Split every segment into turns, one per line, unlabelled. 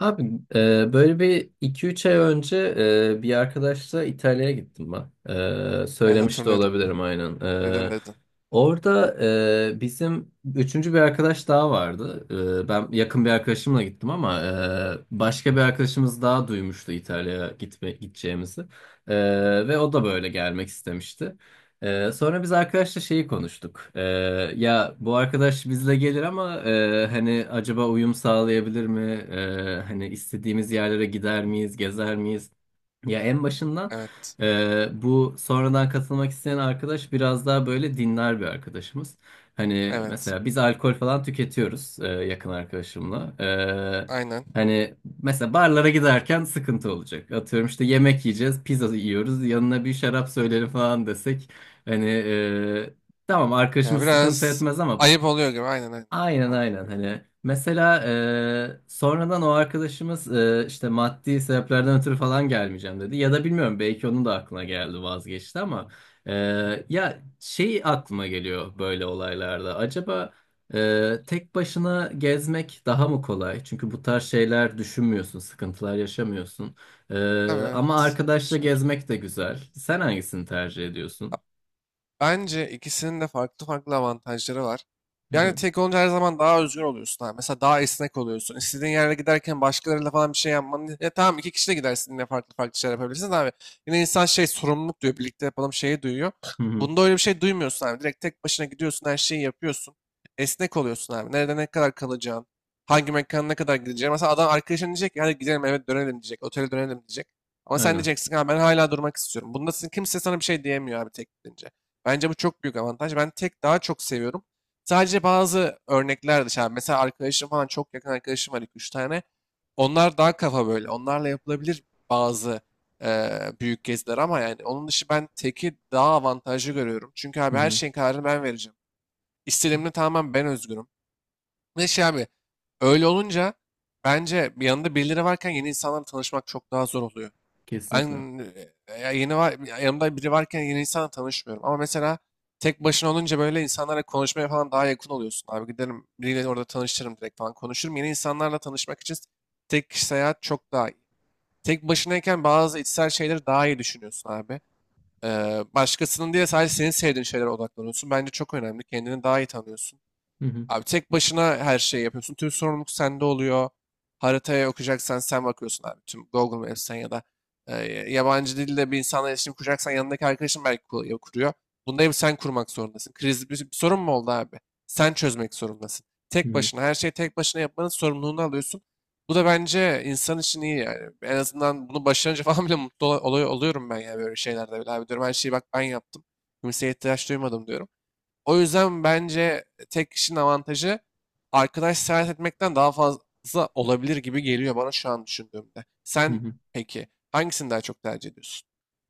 Abi böyle bir iki üç ay önce bir arkadaşla İtalya'ya gittim ben. E,
Evet
söylemiş de
hatırlıyorum.
olabilirim aynen.
Dedin
E,
dedin.
orada bizim üçüncü bir arkadaş daha vardı. Ben yakın bir arkadaşımla gittim ama başka bir arkadaşımız daha duymuştu İtalya'ya gitme, gideceğimizi. E, ve o da böyle gelmek istemişti. Sonra biz arkadaşla şeyi konuştuk. Ya bu arkadaş bizle gelir ama hani acaba uyum sağlayabilir mi? Hani istediğimiz yerlere gider miyiz, gezer miyiz? Ya en başından
Evet.
bu sonradan katılmak isteyen arkadaş biraz daha böyle dinler bir arkadaşımız. Hani
Evet.
mesela biz alkol falan tüketiyoruz yakın arkadaşımla. E,
Aynen.
hani mesela barlara giderken sıkıntı olacak. Atıyorum işte yemek yiyeceğiz, pizza yiyoruz, yanına bir şarap söylerim falan desek. Hani tamam,
Ya
arkadaşımız sıkıntı
biraz
etmez ama
ayıp oluyor gibi. Aynen aynen.
Aynen
Olacak
aynen,
gibi.
hani mesela sonradan o arkadaşımız işte maddi sebeplerden ötürü falan gelmeyeceğim dedi ya da bilmiyorum belki onun da aklına geldi vazgeçti ama e, ya şey aklıma geliyor böyle olaylarda acaba tek başına gezmek daha mı kolay, çünkü bu tarz şeyler düşünmüyorsun, sıkıntılar yaşamıyorsun. E,
Tabii
ama
evet.
arkadaşla
Şöyle.
gezmek de güzel, sen hangisini tercih ediyorsun?
Bence ikisinin de farklı farklı avantajları var.
Hı
Yani
hı.
tek olunca her zaman daha özgür oluyorsun. Ha. Mesela daha esnek oluyorsun. İstediğin yerde giderken başkalarıyla falan bir şey yapman. Ya tamam iki kişi de gidersin yine farklı farklı şeyler yapabilirsiniz abi. Yine insan şey sorumluluk diyor. Birlikte yapalım şeyi duyuyor.
Hı hı.
Bunda öyle bir şey duymuyorsun abi. Direkt tek başına gidiyorsun her şeyi yapıyorsun. Esnek oluyorsun abi. Nerede ne kadar kalacağın. Hangi mekana ne kadar gideceğin. Mesela adam arkadaşın diyecek ki hadi gidelim eve dönelim diyecek. Otele dönelim diyecek. Ama sen
Aynen.
diyeceksin abi ben hala durmak istiyorum. Bunda kimse sana bir şey diyemiyor abi tek gidince. Bence bu çok büyük avantaj. Ben tek daha çok seviyorum. Sadece bazı örnekler dışarı. Mesela arkadaşım falan çok yakın arkadaşım var 2-3 tane. Onlar daha kafa böyle. Onlarla yapılabilir bazı büyük geziler ama yani onun dışı ben teki daha avantajlı görüyorum. Çünkü
Hı
abi her
hı.
şeyin kararını ben vereceğim. İstediğimde tamamen ben özgürüm. Ne şey abi öyle olunca bence bir yanında birileri varken yeni insanlarla tanışmak çok daha zor oluyor. Ben
Kesinlikle. Hı
ya yeni var, yanımda biri varken yeni insanla tanışmıyorum. Ama mesela tek başına olunca böyle insanlarla konuşmaya falan daha yakın oluyorsun. Abi giderim biriyle orada tanışırım direkt falan konuşurum. Yeni insanlarla tanışmak için tek kişi seyahat çok daha iyi. Tek başınayken bazı içsel şeyleri daha iyi düşünüyorsun abi. Başkasının diye sadece senin sevdiğin şeylere odaklanıyorsun. Bence çok önemli. Kendini daha iyi tanıyorsun.
hı.
Abi tek başına her şeyi yapıyorsun. Tüm sorumluluk sende oluyor. Haritaya okuyacaksan sen bakıyorsun abi. Tüm Google Maps'ten ya da e, yabancı dilde bir insanla iletişim kuracaksan yanındaki arkadaşın belki kuruyor. Bunda hep sen kurmak zorundasın. Kriz bir sorun mu oldu abi? Sen çözmek zorundasın.
Hı
Tek
hı.
başına her şeyi tek başına yapmanın sorumluluğunu alıyorsun. Bu da bence insan için iyi yani. En azından bunu başarınca falan bile mutlu oluyorum ben ya böyle şeylerde bile. Abi diyorum her şeyi bak ben yaptım. Kimseye ihtiyaç duymadım diyorum. O yüzden bence tek kişinin avantajı arkadaş seyahat etmekten daha fazla olabilir gibi geliyor bana şu an düşündüğümde.
Hı
Sen
hı.
peki hangisini daha çok tercih ediyorsun?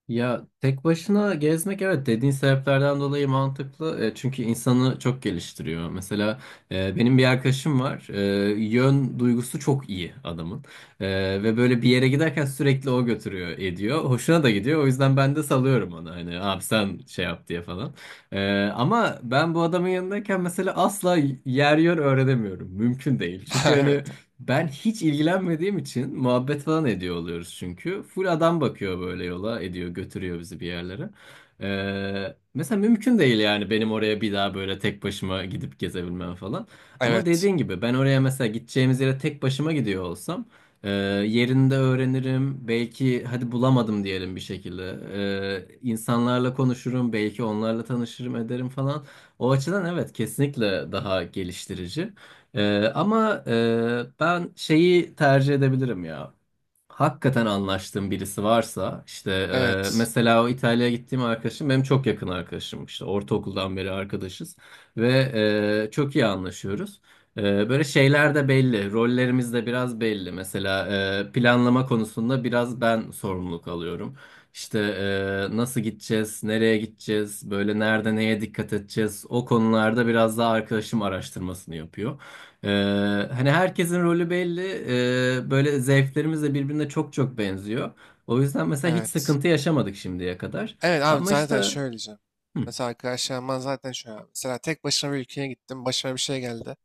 Ya tek başına gezmek, evet, dediğin sebeplerden dolayı mantıklı. Çünkü insanı çok geliştiriyor. Mesela benim bir arkadaşım var. Yön duygusu çok iyi adamın. E, ve böyle bir yere giderken sürekli o götürüyor ediyor. Hoşuna da gidiyor. O yüzden ben de salıyorum ona. Hani abi sen şey yap diye falan. Ama ben bu adamın yanındayken mesela asla yer yön öğrenemiyorum. Mümkün değil. Çünkü hani
Evet.
ben hiç ilgilenmediğim için muhabbet falan ediyor oluyoruz çünkü. Full adam bakıyor böyle yola ediyor, götürüyor bizi bir yerlere. Mesela mümkün değil yani benim oraya bir daha böyle tek başıma gidip gezebilmem falan. Ama
Evet.
dediğin gibi ben oraya mesela gideceğimiz yere tek başıma gidiyor olsam e, yerinde öğrenirim. Belki hadi bulamadım diyelim bir şekilde. İnsanlarla konuşurum, belki onlarla tanışırım ederim falan. O açıdan evet, kesinlikle daha geliştirici. Ama ben şeyi tercih edebilirim ya. Hakikaten anlaştığım birisi varsa işte
Evet.
mesela o İtalya'ya gittiğim arkadaşım benim çok yakın arkadaşım, işte ortaokuldan beri arkadaşız ve çok iyi anlaşıyoruz. E, böyle şeyler de belli, rollerimiz de biraz belli. Mesela planlama konusunda biraz ben sorumluluk alıyorum. İşte nasıl gideceğiz, nereye gideceğiz, böyle nerede neye dikkat edeceğiz, o konularda biraz daha arkadaşım araştırmasını yapıyor. Ee, hani herkesin rolü belli. Böyle zevklerimiz de birbirine çok çok benziyor. O yüzden mesela hiç
Evet.
sıkıntı yaşamadık şimdiye kadar.
Evet abi
Ama
zaten
işte
şöyle diyeceğim.
hı
Mesela arkadaşlarımdan zaten şöyle abi. Mesela tek başına bir ülkeye gittim. Başıma bir şey geldi.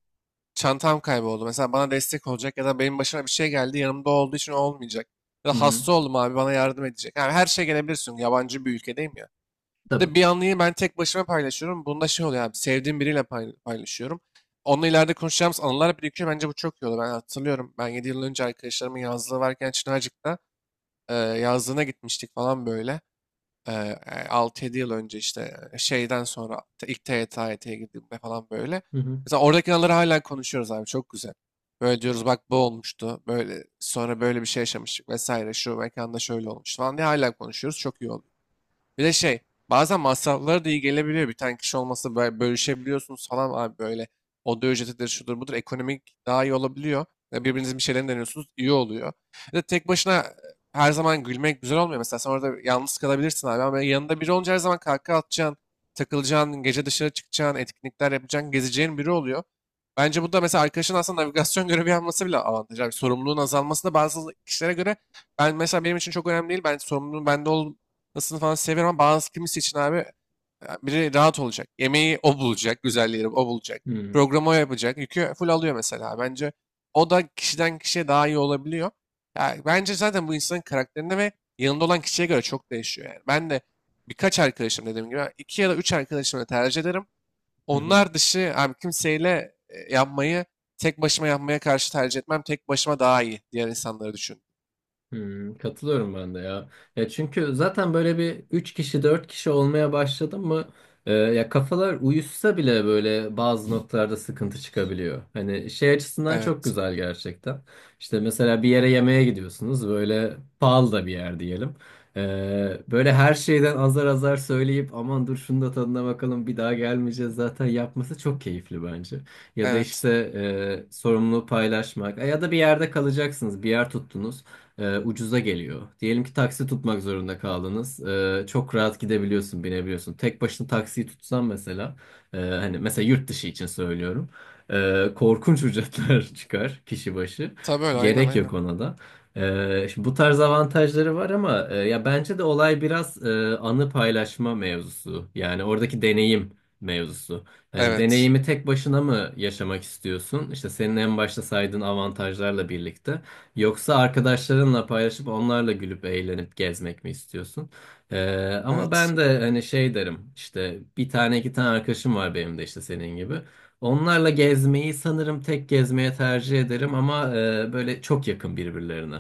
Çantam kayboldu. Mesela bana destek olacak ya da benim başıma bir şey geldi. Yanımda olduğu için olmayacak. Ya
hı
da
hı.
hasta oldum abi bana yardım edecek. Yani her şey gelebilirsin. Yabancı bir ülkedeyim ya.
Tabii.
De bir anıyı ben tek başıma paylaşıyorum. Bunda şey oluyor abi sevdiğim biriyle paylaşıyorum. Onunla ileride konuşacağımız anılar birikiyor. Bence bu çok iyi oldu. Ben hatırlıyorum. Ben 7 yıl önce arkadaşlarımın yazlığı varken Çınarcık'ta yazlığına gitmiştik falan böyle. E, 6 yıl önce işte şeyden sonra ilk TYT, AYT'ye girdiğimde falan böyle.
Hı hı
Mesela oradaki anıları hala konuşuyoruz abi çok güzel. Böyle diyoruz bak bu olmuştu. Böyle sonra böyle bir şey yaşamıştık vesaire. Şu mekanda şöyle olmuş falan diye hala konuşuyoruz. Çok iyi oluyor. Bir de şey bazen masrafları da iyi gelebiliyor. Bir tane kişi olması böyle bölüşebiliyorsunuz falan abi böyle. Oda ücretidir şudur budur ekonomik daha iyi olabiliyor. Ya birbirinizin bir şeylerini deniyorsunuz iyi oluyor. Bir de tek başına her zaman gülmek güzel olmuyor. Mesela sen orada yalnız kalabilirsin abi ama yanında biri olunca her zaman kahkaha atacaksın, takılacaksın, gece dışarı çıkacaksın, etkinlikler yapacaksın, gezeceğin biri oluyor. Bence bu da mesela arkadaşın aslında navigasyon görevi yapması bile avantaj. Yani sorumluluğun azalması da bazı kişilere göre ben mesela benim için çok önemli değil. Ben sorumluluğun bende ol, Nasıl falan seviyorum ama bazı kimisi için abi ya biri rahat olacak. Yemeği o bulacak, güzelleri o bulacak.
hı hı.
Programı o yapacak. Yükü full alıyor mesela. Bence o da kişiden kişiye daha iyi olabiliyor. Ya bence zaten bu insanın karakterine ve yanında olan kişiye göre çok değişiyor yani. Ben de birkaç arkadaşım dediğim gibi iki ya da üç arkadaşımla tercih ederim.
hı hı.
Onlar dışı abi kimseyle yapmayı tek başıma yapmaya karşı tercih etmem. Tek başıma daha iyi diğer insanları düşün.
Hmm, katılıyorum ben de ya. Ya çünkü zaten böyle bir 3 kişi 4 kişi olmaya başladı mı ya kafalar uyuşsa bile böyle bazı noktalarda sıkıntı çıkabiliyor. Hani şey açısından çok
Evet.
güzel gerçekten. İşte mesela bir yere yemeğe gidiyorsunuz, böyle pahalı da bir yer diyelim. Böyle her şeyden azar azar söyleyip, aman dur şunu da tadına bakalım, bir daha gelmeyeceğiz zaten yapması çok keyifli bence. Ya da
Evet.
işte sorumluluğu paylaşmak. Ya da bir yerde kalacaksınız, bir yer tuttunuz ucuza geliyor. Diyelim ki taksi tutmak zorunda kaldınız. Çok rahat gidebiliyorsun, binebiliyorsun. Tek başına taksiyi tutsan mesela, hani mesela yurt dışı için söylüyorum. Korkunç ücretler çıkar kişi başı.
Tabii öyle aynen
Gerek
aynen.
yok ona da. Şimdi bu tarz avantajları var ama ya bence de olay biraz anı paylaşma mevzusu. Yani oradaki deneyim mevzusu. Yani
Evet.
deneyimi tek başına mı yaşamak istiyorsun? İşte senin en başta saydığın avantajlarla birlikte. Yoksa arkadaşlarınla paylaşıp onlarla gülüp eğlenip gezmek mi istiyorsun? Ama
Evet.
ben de hani şey derim, işte bir tane iki tane arkadaşım var benim de işte senin gibi. Onlarla gezmeyi sanırım tek gezmeye tercih ederim, ama böyle çok yakın birbirlerine.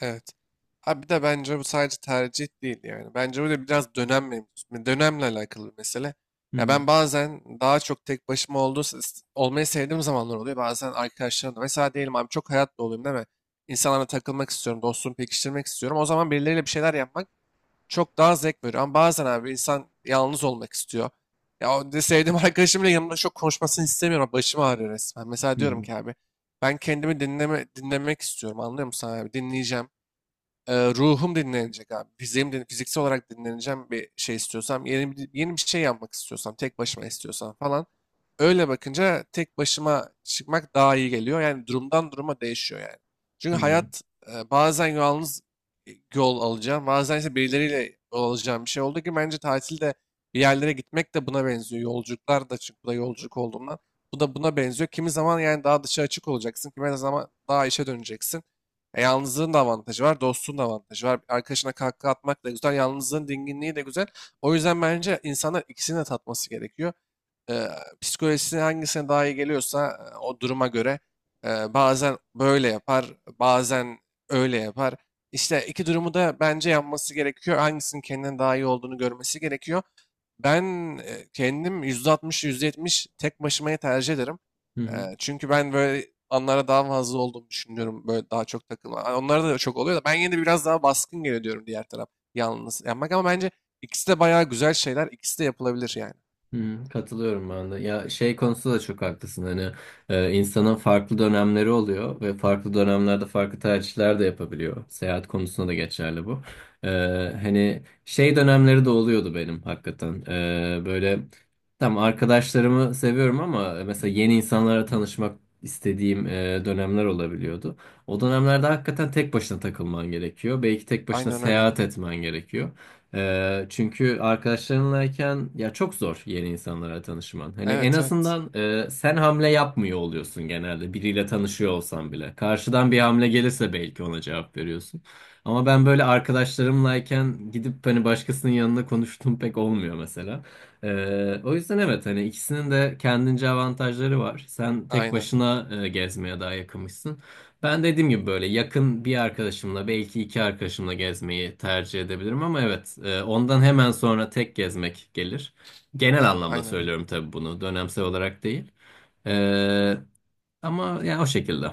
Evet. Ha bir de bence bu sadece tercih değil yani. Bence bu da biraz dönem mevzusu. Hani dönemle alakalı bir mesele.
Hı
Ya
hı
ben bazen daha çok tek başıma olmayı sevdiğim zamanlar oluyor. Bazen arkadaşlarımla. Mesela diyelim abi çok hayat doluyum değil mi? İnsanlarla takılmak istiyorum, dostluğumu pekiştirmek istiyorum. O zaman birileriyle bir şeyler yapmak çok daha zevk veriyor. Ama bazen abi insan yalnız olmak istiyor. Ya o de sevdiğim arkadaşım bile yanımda çok konuşmasını istemiyorum. Başım ağrıyor resmen. Mesela diyorum
hı
ki abi ben kendimi dinlemek istiyorum. Anlıyor musun abi? Dinleyeceğim. Ruhum dinlenecek abi. Fiziksel olarak dinleneceğim bir şey istiyorsam, yeni bir şey yapmak istiyorsam, tek başıma istiyorsam falan. Öyle bakınca tek başıma çıkmak daha iyi geliyor. Yani durumdan duruma değişiyor yani. Çünkü
hı
hayat bazen yalnız yol alacağım, bazen ise birileriyle yol alacağım bir şey oldu ki bence tatilde bir yerlere gitmek de buna benziyor. Yolculuklar da çünkü bu da yolculuk olduğundan bu da buna benziyor. Kimi zaman yani daha dışa açık olacaksın, kimi zaman daha işe döneceksin. Yalnızlığın da avantajı var, dostluğun da avantajı var. Arkadaşına kahkaha atmak da güzel, yalnızlığın dinginliği de güzel. O yüzden bence insanlar ikisini de tatması gerekiyor e, psikolojisi hangisine daha iyi geliyorsa o duruma göre bazen böyle yapar, bazen öyle yapar. İşte iki durumu da bence yapması gerekiyor. Hangisinin kendine daha iyi olduğunu görmesi gerekiyor. Ben kendim %60, %70 tek başımayı tercih ederim.
hı.
E,
hı.
Çünkü ben böyle anlara daha fazla olduğumu düşünüyorum. Böyle daha çok takılma. Onlara da çok oluyor da ben yine de biraz daha baskın geliyor diyorum diğer taraf. Yalnız yapmak ama bence ikisi de bayağı güzel şeyler. İkisi de yapılabilir yani.
Hı, katılıyorum ben de. Ya şey konusunda da çok haklısın. Hani insanın farklı dönemleri oluyor ve farklı dönemlerde farklı tercihler de yapabiliyor. Seyahat konusunda da geçerli bu. E, hani şey dönemleri de oluyordu benim hakikaten. Böyle tam arkadaşlarımı seviyorum, ama mesela yeni insanlara tanışmak istediğim dönemler olabiliyordu. O dönemlerde hakikaten tek başına takılman gerekiyor. Belki tek başına
Aynen öyle.
seyahat etmen gerekiyor. Çünkü arkadaşlarınlayken ya çok zor yeni insanlara tanışman. Hani en
Evet evet.
azından sen hamle yapmıyor oluyorsun, genelde biriyle tanışıyor olsan bile karşıdan bir hamle gelirse belki ona cevap veriyorsun. Ama ben böyle arkadaşlarımlayken gidip hani başkasının yanında konuştuğum pek olmuyor mesela. O yüzden evet, hani ikisinin de kendince avantajları var. Sen tek
Aynen.
başına gezmeye daha yakınmışsın. Ben dediğim gibi böyle yakın bir arkadaşımla, belki iki arkadaşımla gezmeyi tercih edebilirim ama evet, ondan hemen sonra tek gezmek gelir. Genel anlamda
Aynen.
söylüyorum tabii bunu, dönemsel olarak değil. E, ama ya o şekilde.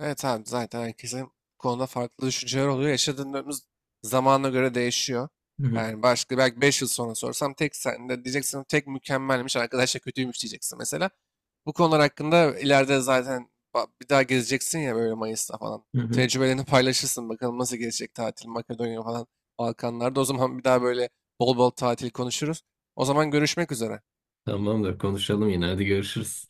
Evet abi zaten herkesin bu konuda farklı düşünceler oluyor. Yaşadığımız zamana göre değişiyor.
Hı hı,
Yani başka belki 5 yıl sonra sorsam tek sen de diyeceksin tek mükemmelmiş arkadaşlar kötüymüş diyeceksin mesela. Bu konular hakkında ileride zaten bir daha gezeceksin ya böyle Mayıs'ta falan.
hı hı.
Tecrübelerini paylaşırsın bakalım nasıl gelecek tatil Makedonya falan Balkanlarda. O zaman bir daha böyle bol bol tatil konuşuruz. O zaman görüşmek üzere.
Tamamdır, konuşalım yine, hadi görüşürüz.